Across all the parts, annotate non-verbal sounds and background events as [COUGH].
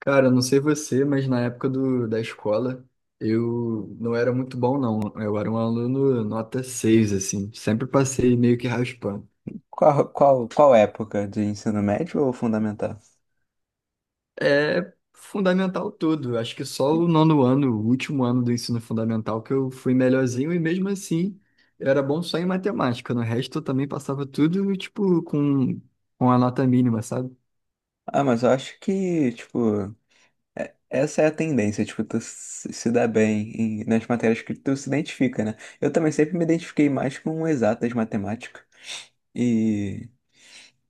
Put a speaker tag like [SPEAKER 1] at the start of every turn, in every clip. [SPEAKER 1] Cara, eu não sei você, mas na época da escola eu não era muito bom, não. Eu era um aluno nota 6 assim. Sempre passei meio que raspando.
[SPEAKER 2] Qual época de ensino médio ou fundamental?
[SPEAKER 1] É fundamental tudo. Acho que só o nono ano, o último ano do ensino fundamental, que eu fui melhorzinho e mesmo assim eu era bom só em matemática. No resto eu também passava tudo, tipo, com a nota mínima, sabe?
[SPEAKER 2] Ah, mas eu acho que, tipo, essa é a tendência, tipo, tu se dá bem nas matérias que tu se identifica, né? Eu também sempre me identifiquei mais com exatas matemática. E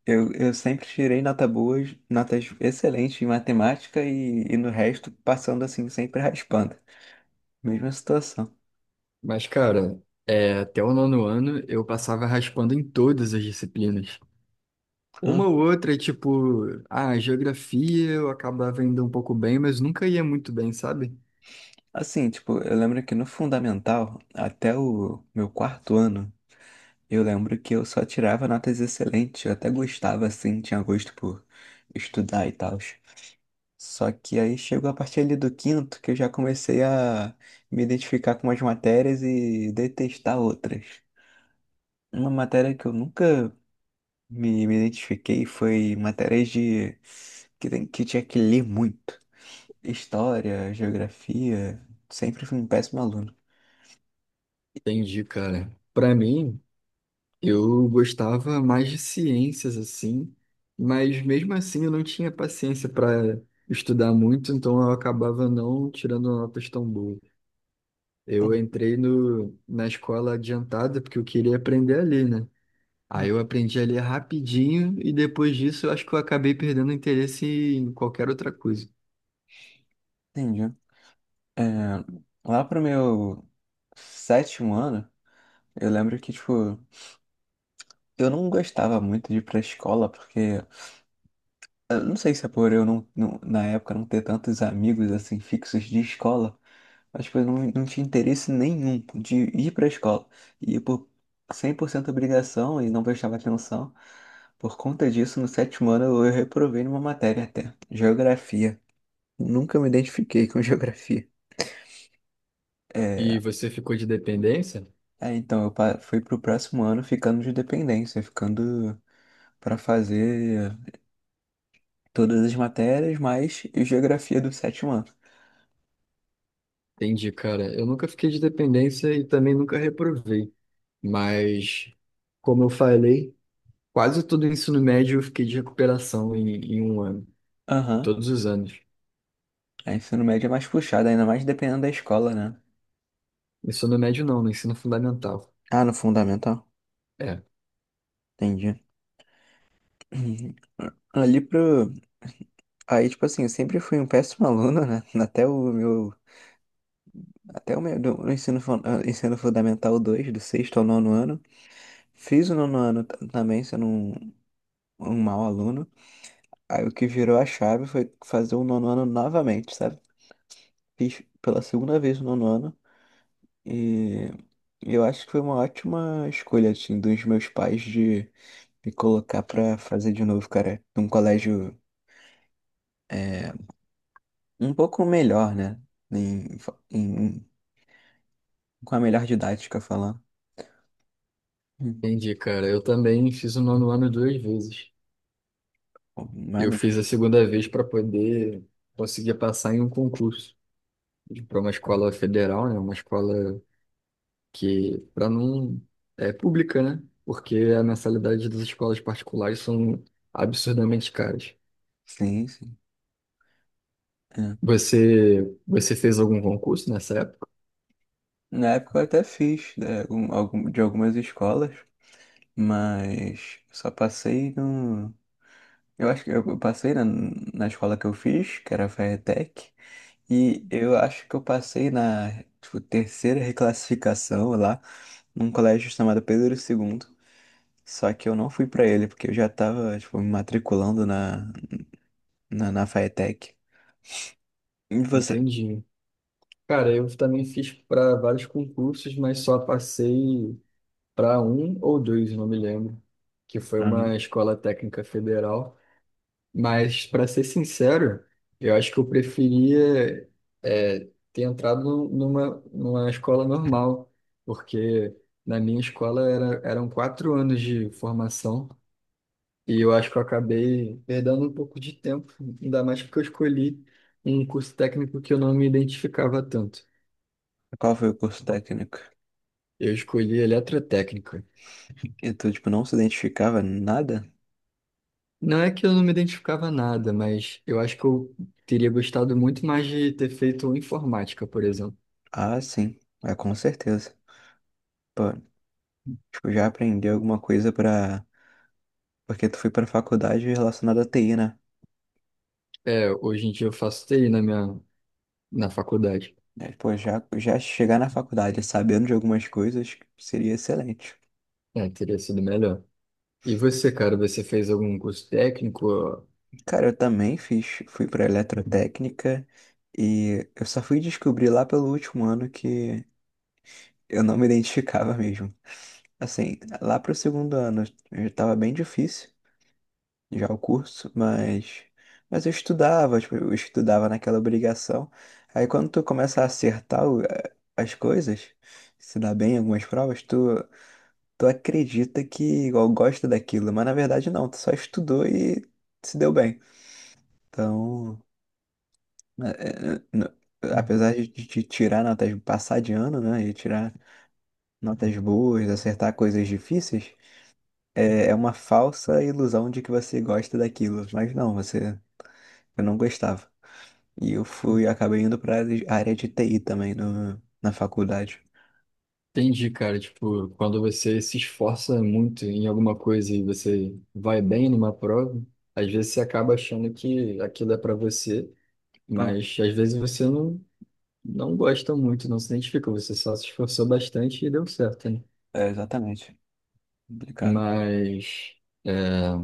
[SPEAKER 2] eu sempre tirei nota boas, notas excelentes em matemática e no resto, passando assim, sempre raspando. Mesma situação.
[SPEAKER 1] Mas, cara, é, até o nono ano eu passava raspando em todas as disciplinas.
[SPEAKER 2] Hã?
[SPEAKER 1] Uma ou outra, tipo, ah, geografia eu acabava indo um pouco bem, mas nunca ia muito bem, sabe?
[SPEAKER 2] Assim, tipo, eu lembro que no fundamental, até o meu quarto ano, eu lembro que eu só tirava notas excelentes, eu até gostava assim, tinha gosto por estudar e tal. Só que aí chegou a partir ali do quinto que eu já comecei a me identificar com umas matérias e detestar outras. Uma matéria que eu nunca me identifiquei foi matérias de que tinha que ler muito. História, geografia, sempre fui um péssimo aluno.
[SPEAKER 1] Entendi, cara. Pra mim, eu gostava mais de ciências, assim, mas mesmo assim eu não tinha paciência pra estudar muito, então eu acabava não tirando notas tão boas. Eu
[SPEAKER 2] Entendi.
[SPEAKER 1] entrei no, na escola adiantada porque eu queria aprender ali, né?
[SPEAKER 2] Ah,
[SPEAKER 1] Aí eu aprendi ali rapidinho e depois disso eu acho que eu acabei perdendo interesse em qualquer outra coisa.
[SPEAKER 2] entendi. É, lá pro meu sétimo ano. Eu lembro que, tipo, eu não gostava muito de ir pra escola, porque, eu não sei se é por eu na época não ter tantos amigos, assim, fixos de escola, mas, tipo, eu não tinha interesse nenhum de ir pra escola. E por 100% obrigação e não prestava atenção. Por conta disso, no sétimo ano eu reprovei numa matéria até, geografia. Nunca me identifiquei com [LAUGHS] geografia. É,
[SPEAKER 1] E você ficou de dependência?
[SPEAKER 2] então eu fui pro próximo ano ficando de dependência, ficando pra fazer todas as matérias, mais geografia do sétimo ano.
[SPEAKER 1] Entendi, cara. Eu nunca fiquei de dependência e também nunca reprovei. Mas, como eu falei, quase todo o ensino médio eu fiquei de recuperação em um ano,
[SPEAKER 2] Aham.
[SPEAKER 1] todos os anos.
[SPEAKER 2] A ensino médio é mais puxado, ainda mais dependendo da escola, né?
[SPEAKER 1] Ensino médio não, no ensino fundamental.
[SPEAKER 2] Ah, no fundamental?
[SPEAKER 1] É,
[SPEAKER 2] Entendi. [CLEARS THROAT] Ali pro. Aí, tipo assim, eu sempre fui um péssimo [LAUGHS] aluno, né? Até o meu. Até o meu no ensino, ensino fundamental 2, do sexto ao nono ano. Fiz o nono ano também, sendo um, um mau aluno. Aí o que virou a chave foi fazer o nono ano novamente, sabe? Fiz pela segunda vez o nono ano. E eu acho que foi uma ótima escolha, assim, dos meus pais de me colocar pra fazer de novo, cara, num colégio é, um pouco melhor, né? Em, em- com a melhor didática falando. Hum,
[SPEAKER 1] entendi, cara. Eu também fiz o nono ano duas vezes.
[SPEAKER 2] pô,
[SPEAKER 1] Eu
[SPEAKER 2] maneiro.
[SPEAKER 1] fiz a segunda vez para poder conseguir passar em um concurso para uma escola federal, né? Uma escola que para não é pública, né? Porque a mensalidade das escolas particulares são absurdamente caras.
[SPEAKER 2] Sim, sim. É.
[SPEAKER 1] Você fez algum concurso nessa época?
[SPEAKER 2] Na época eu até fiz né, de algumas escolas, mas só passei no. Eu acho que eu passei na escola que eu fiz, que era a FATEC. E eu acho que eu passei na, tipo, terceira reclassificação lá, num colégio chamado Pedro II. Só que eu não fui pra ele, porque eu já tava, tipo, me matriculando na FATEC. E você?
[SPEAKER 1] Entendi. Cara, eu também fiz para vários concursos, mas só passei para um ou dois, não me lembro, que foi
[SPEAKER 2] Aham.
[SPEAKER 1] uma escola técnica federal. Mas, para ser sincero, eu acho que eu preferia é, ter entrado numa, numa escola normal, porque na minha escola era, eram quatro anos de formação e eu acho que eu acabei perdendo um pouco de tempo, ainda mais porque eu escolhi um curso técnico que eu não me identificava tanto.
[SPEAKER 2] Qual foi o curso técnico?
[SPEAKER 1] Eu escolhi eletrotécnica.
[SPEAKER 2] E tu, tipo, não se identificava nada?
[SPEAKER 1] Não é que eu não me identificava nada, mas eu acho que eu teria gostado muito mais de ter feito informática, por exemplo.
[SPEAKER 2] Ah, sim. É, com certeza. Pô, tipo, já aprendeu alguma coisa pra... Porque tu foi pra faculdade relacionada à TI, né?
[SPEAKER 1] É, hoje em dia eu faço TI na na faculdade.
[SPEAKER 2] É, pô, já chegar na faculdade sabendo de algumas coisas seria excelente.
[SPEAKER 1] É, teria sido melhor. E você, cara, você fez algum curso técnico?
[SPEAKER 2] Cara, eu também fui para eletrotécnica e eu só fui descobrir lá pelo último ano que eu não me identificava mesmo. Assim, lá pro segundo ano já tava bem difícil já o curso, mas eu estudava, tipo, eu estudava naquela obrigação. Aí quando tu começa a acertar as coisas, se dá bem em algumas provas, tu acredita que igual gosta daquilo, mas na verdade não, tu só estudou e se deu bem. Então, eh, n- apesar de te tirar notas, passar de ano, né, e tirar notas boas, acertar coisas difíceis, é uma falsa ilusão de que você gosta daquilo, mas não, você, eu não gostava. E eu fui, acabei indo para a área de TI também no, na faculdade.
[SPEAKER 1] Entendi, cara, tipo, quando você se esforça muito em alguma coisa e você vai bem numa prova, às vezes você acaba achando que aquilo é para você,
[SPEAKER 2] Ah,
[SPEAKER 1] mas às vezes você não, não gosta muito, não se identifica, você só se esforçou bastante e deu certo, né?
[SPEAKER 2] é, exatamente. Complicado.
[SPEAKER 1] Mas é,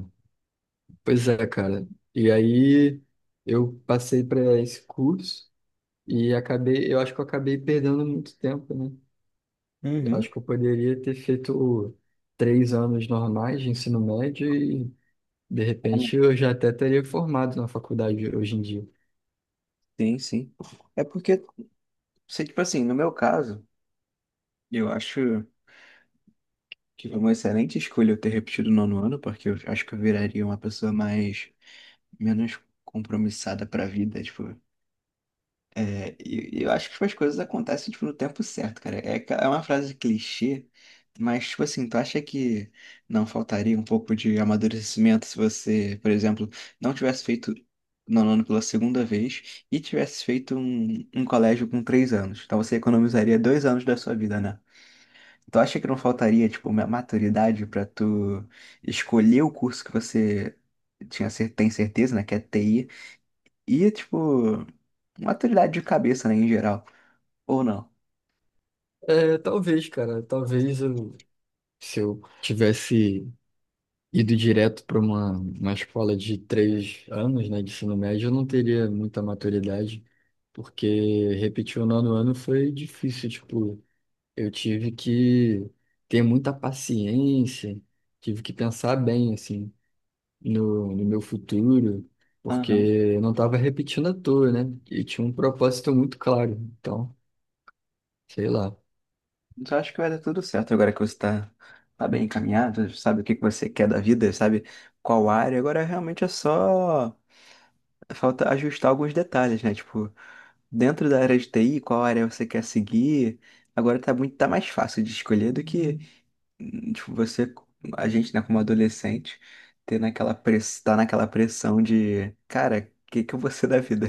[SPEAKER 1] pois é, cara. E aí eu passei para esse curso e acabei, eu acho que eu acabei perdendo muito tempo, né? Eu
[SPEAKER 2] Uhum.
[SPEAKER 1] acho que eu poderia ter feito três anos normais de ensino médio e de repente eu já até teria formado na faculdade hoje em dia.
[SPEAKER 2] Sim, sim. É porque, se, tipo assim, no meu caso, eu acho que foi uma excelente escolha eu ter repetido o nono ano, porque eu acho que eu viraria uma pessoa mais menos compromissada pra vida, tipo. É, e eu acho que tipo, as coisas acontecem tipo, no tempo certo, cara. É, é uma frase clichê, mas, tipo assim, tu acha que não faltaria um pouco de amadurecimento se você, por exemplo, não tivesse feito nono ano pela segunda vez e tivesse feito um, um colégio com três anos? Então você economizaria dois anos da sua vida, né? Tu acha que não faltaria, tipo, uma maturidade pra tu escolher o curso que você tinha, tem certeza, né? Que é TI e, tipo, maturidade de cabeça, né, em geral. Ou não.
[SPEAKER 1] É, talvez, cara, talvez eu, se eu tivesse ido direto para uma escola de três anos, né, de ensino médio, eu não teria muita maturidade, porque repetir o nono ano foi difícil, tipo, eu tive que ter muita paciência, tive que pensar bem, assim, no meu futuro, porque
[SPEAKER 2] Aham.
[SPEAKER 1] eu não estava repetindo à toa, né, e tinha um propósito muito claro, então, sei lá.
[SPEAKER 2] Então acho que vai dar tudo certo agora que você tá bem encaminhado, sabe o que que você quer da vida, sabe qual área. Agora realmente é só. Falta ajustar alguns detalhes, né? Tipo, dentro da área de TI, qual área você quer seguir. Agora tá muito, tá mais fácil de escolher do que, tipo, você, a gente, né, como adolescente, ter naquela press, tá naquela pressão de, cara, o que que eu vou ser da vida?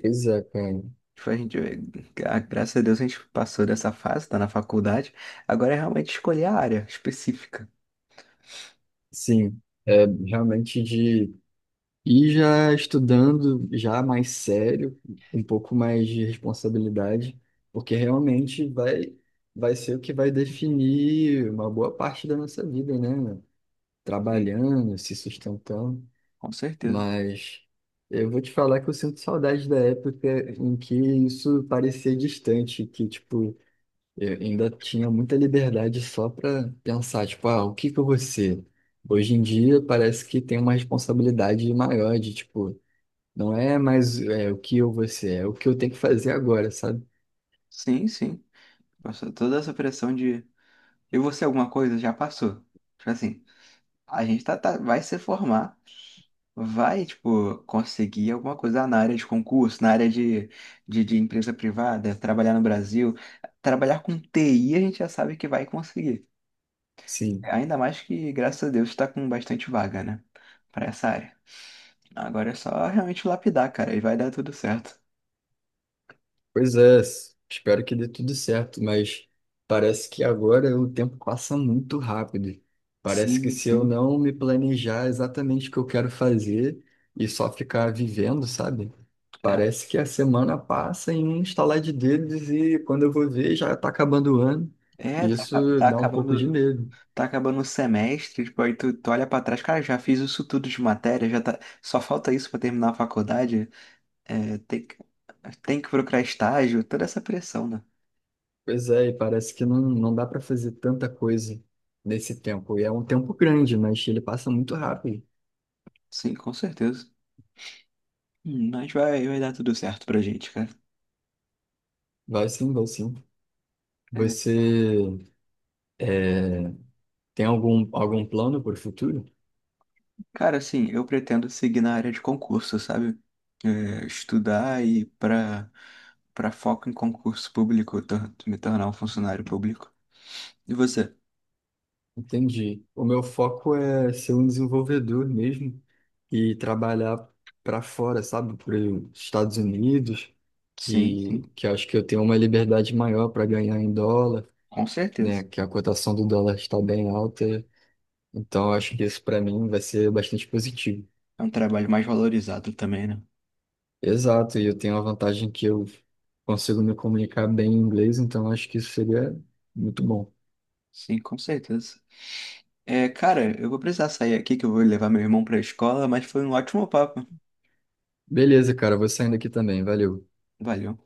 [SPEAKER 1] Pois é, cara.
[SPEAKER 2] Tipo, a gente, graças a Deus a gente passou dessa fase, tá na faculdade. Agora é realmente escolher a área específica.
[SPEAKER 1] Sim, é realmente de E já estudando, já mais sério, um pouco mais de responsabilidade, porque realmente vai, vai ser o que vai definir uma boa parte da nossa vida, né?
[SPEAKER 2] Sim.
[SPEAKER 1] Trabalhando, se sustentando.
[SPEAKER 2] Com certeza.
[SPEAKER 1] Mas eu vou te falar que eu sinto saudade da época em que isso parecia distante, que, tipo, eu ainda tinha muita liberdade só para pensar, tipo, ah, o que que eu vou ser? Hoje em dia parece que tem uma responsabilidade maior de, tipo, não é mais é, o que eu vou ser, é o que eu tenho que fazer agora, sabe?
[SPEAKER 2] Sim, sim. Passou toda essa pressão de eu vou ser alguma coisa, já passou. Tipo assim, a gente vai se formar, vai, tipo, conseguir alguma coisa na área de concurso, na área de, de empresa privada, trabalhar no Brasil. Trabalhar com TI a gente já sabe que vai conseguir.
[SPEAKER 1] Sim.
[SPEAKER 2] Ainda mais que, graças a Deus, tá com bastante vaga, né? Pra essa área. Agora é só realmente lapidar, cara, e vai dar tudo certo.
[SPEAKER 1] Pois é, espero que dê tudo certo, mas parece que agora o tempo passa muito rápido. Parece que
[SPEAKER 2] Sim,
[SPEAKER 1] se eu
[SPEAKER 2] sim.
[SPEAKER 1] não me planejar exatamente o que eu quero fazer e só ficar vivendo, sabe? Parece que a semana passa em um estalar de dedos e quando eu vou ver já está acabando o ano.
[SPEAKER 2] É,
[SPEAKER 1] E isso dá um pouco de medo.
[SPEAKER 2] tá acabando o semestre, tipo, aí tu olha pra trás, cara, já fiz isso tudo de matéria, já tá, só falta isso pra terminar a faculdade, é, tem que procurar estágio, toda essa pressão, né?
[SPEAKER 1] Pois é, e parece que não, não dá para fazer tanta coisa nesse tempo. E é um tempo grande, mas ele passa muito rápido.
[SPEAKER 2] Sim, com certeza. Mas vai dar tudo certo pra gente, cara.
[SPEAKER 1] Vai sim, vai sim.
[SPEAKER 2] É,
[SPEAKER 1] Você eh, tem algum, algum plano para o futuro?
[SPEAKER 2] cara, assim, eu pretendo seguir na área de concurso, sabe? É, estudar e para para foco em concurso público, me tornar um funcionário público. E você?
[SPEAKER 1] Entendi. O meu foco é ser um desenvolvedor mesmo e trabalhar para fora, sabe? Para os Estados Unidos,
[SPEAKER 2] Sim,
[SPEAKER 1] e
[SPEAKER 2] sim,
[SPEAKER 1] que eu acho que eu tenho uma liberdade maior para ganhar em dólar,
[SPEAKER 2] com certeza.
[SPEAKER 1] né? Que a cotação do dólar está bem alta. Então, eu acho que isso para mim vai ser bastante positivo.
[SPEAKER 2] É um trabalho mais valorizado também, né?
[SPEAKER 1] Exato, e eu tenho a vantagem que eu consigo me comunicar bem em inglês, então acho que isso seria muito bom.
[SPEAKER 2] Sim, com certeza. É, cara, eu vou precisar sair aqui que eu vou levar meu irmão pra escola, mas foi um ótimo papo.
[SPEAKER 1] Beleza, cara, vou saindo aqui também, valeu.
[SPEAKER 2] Valeu.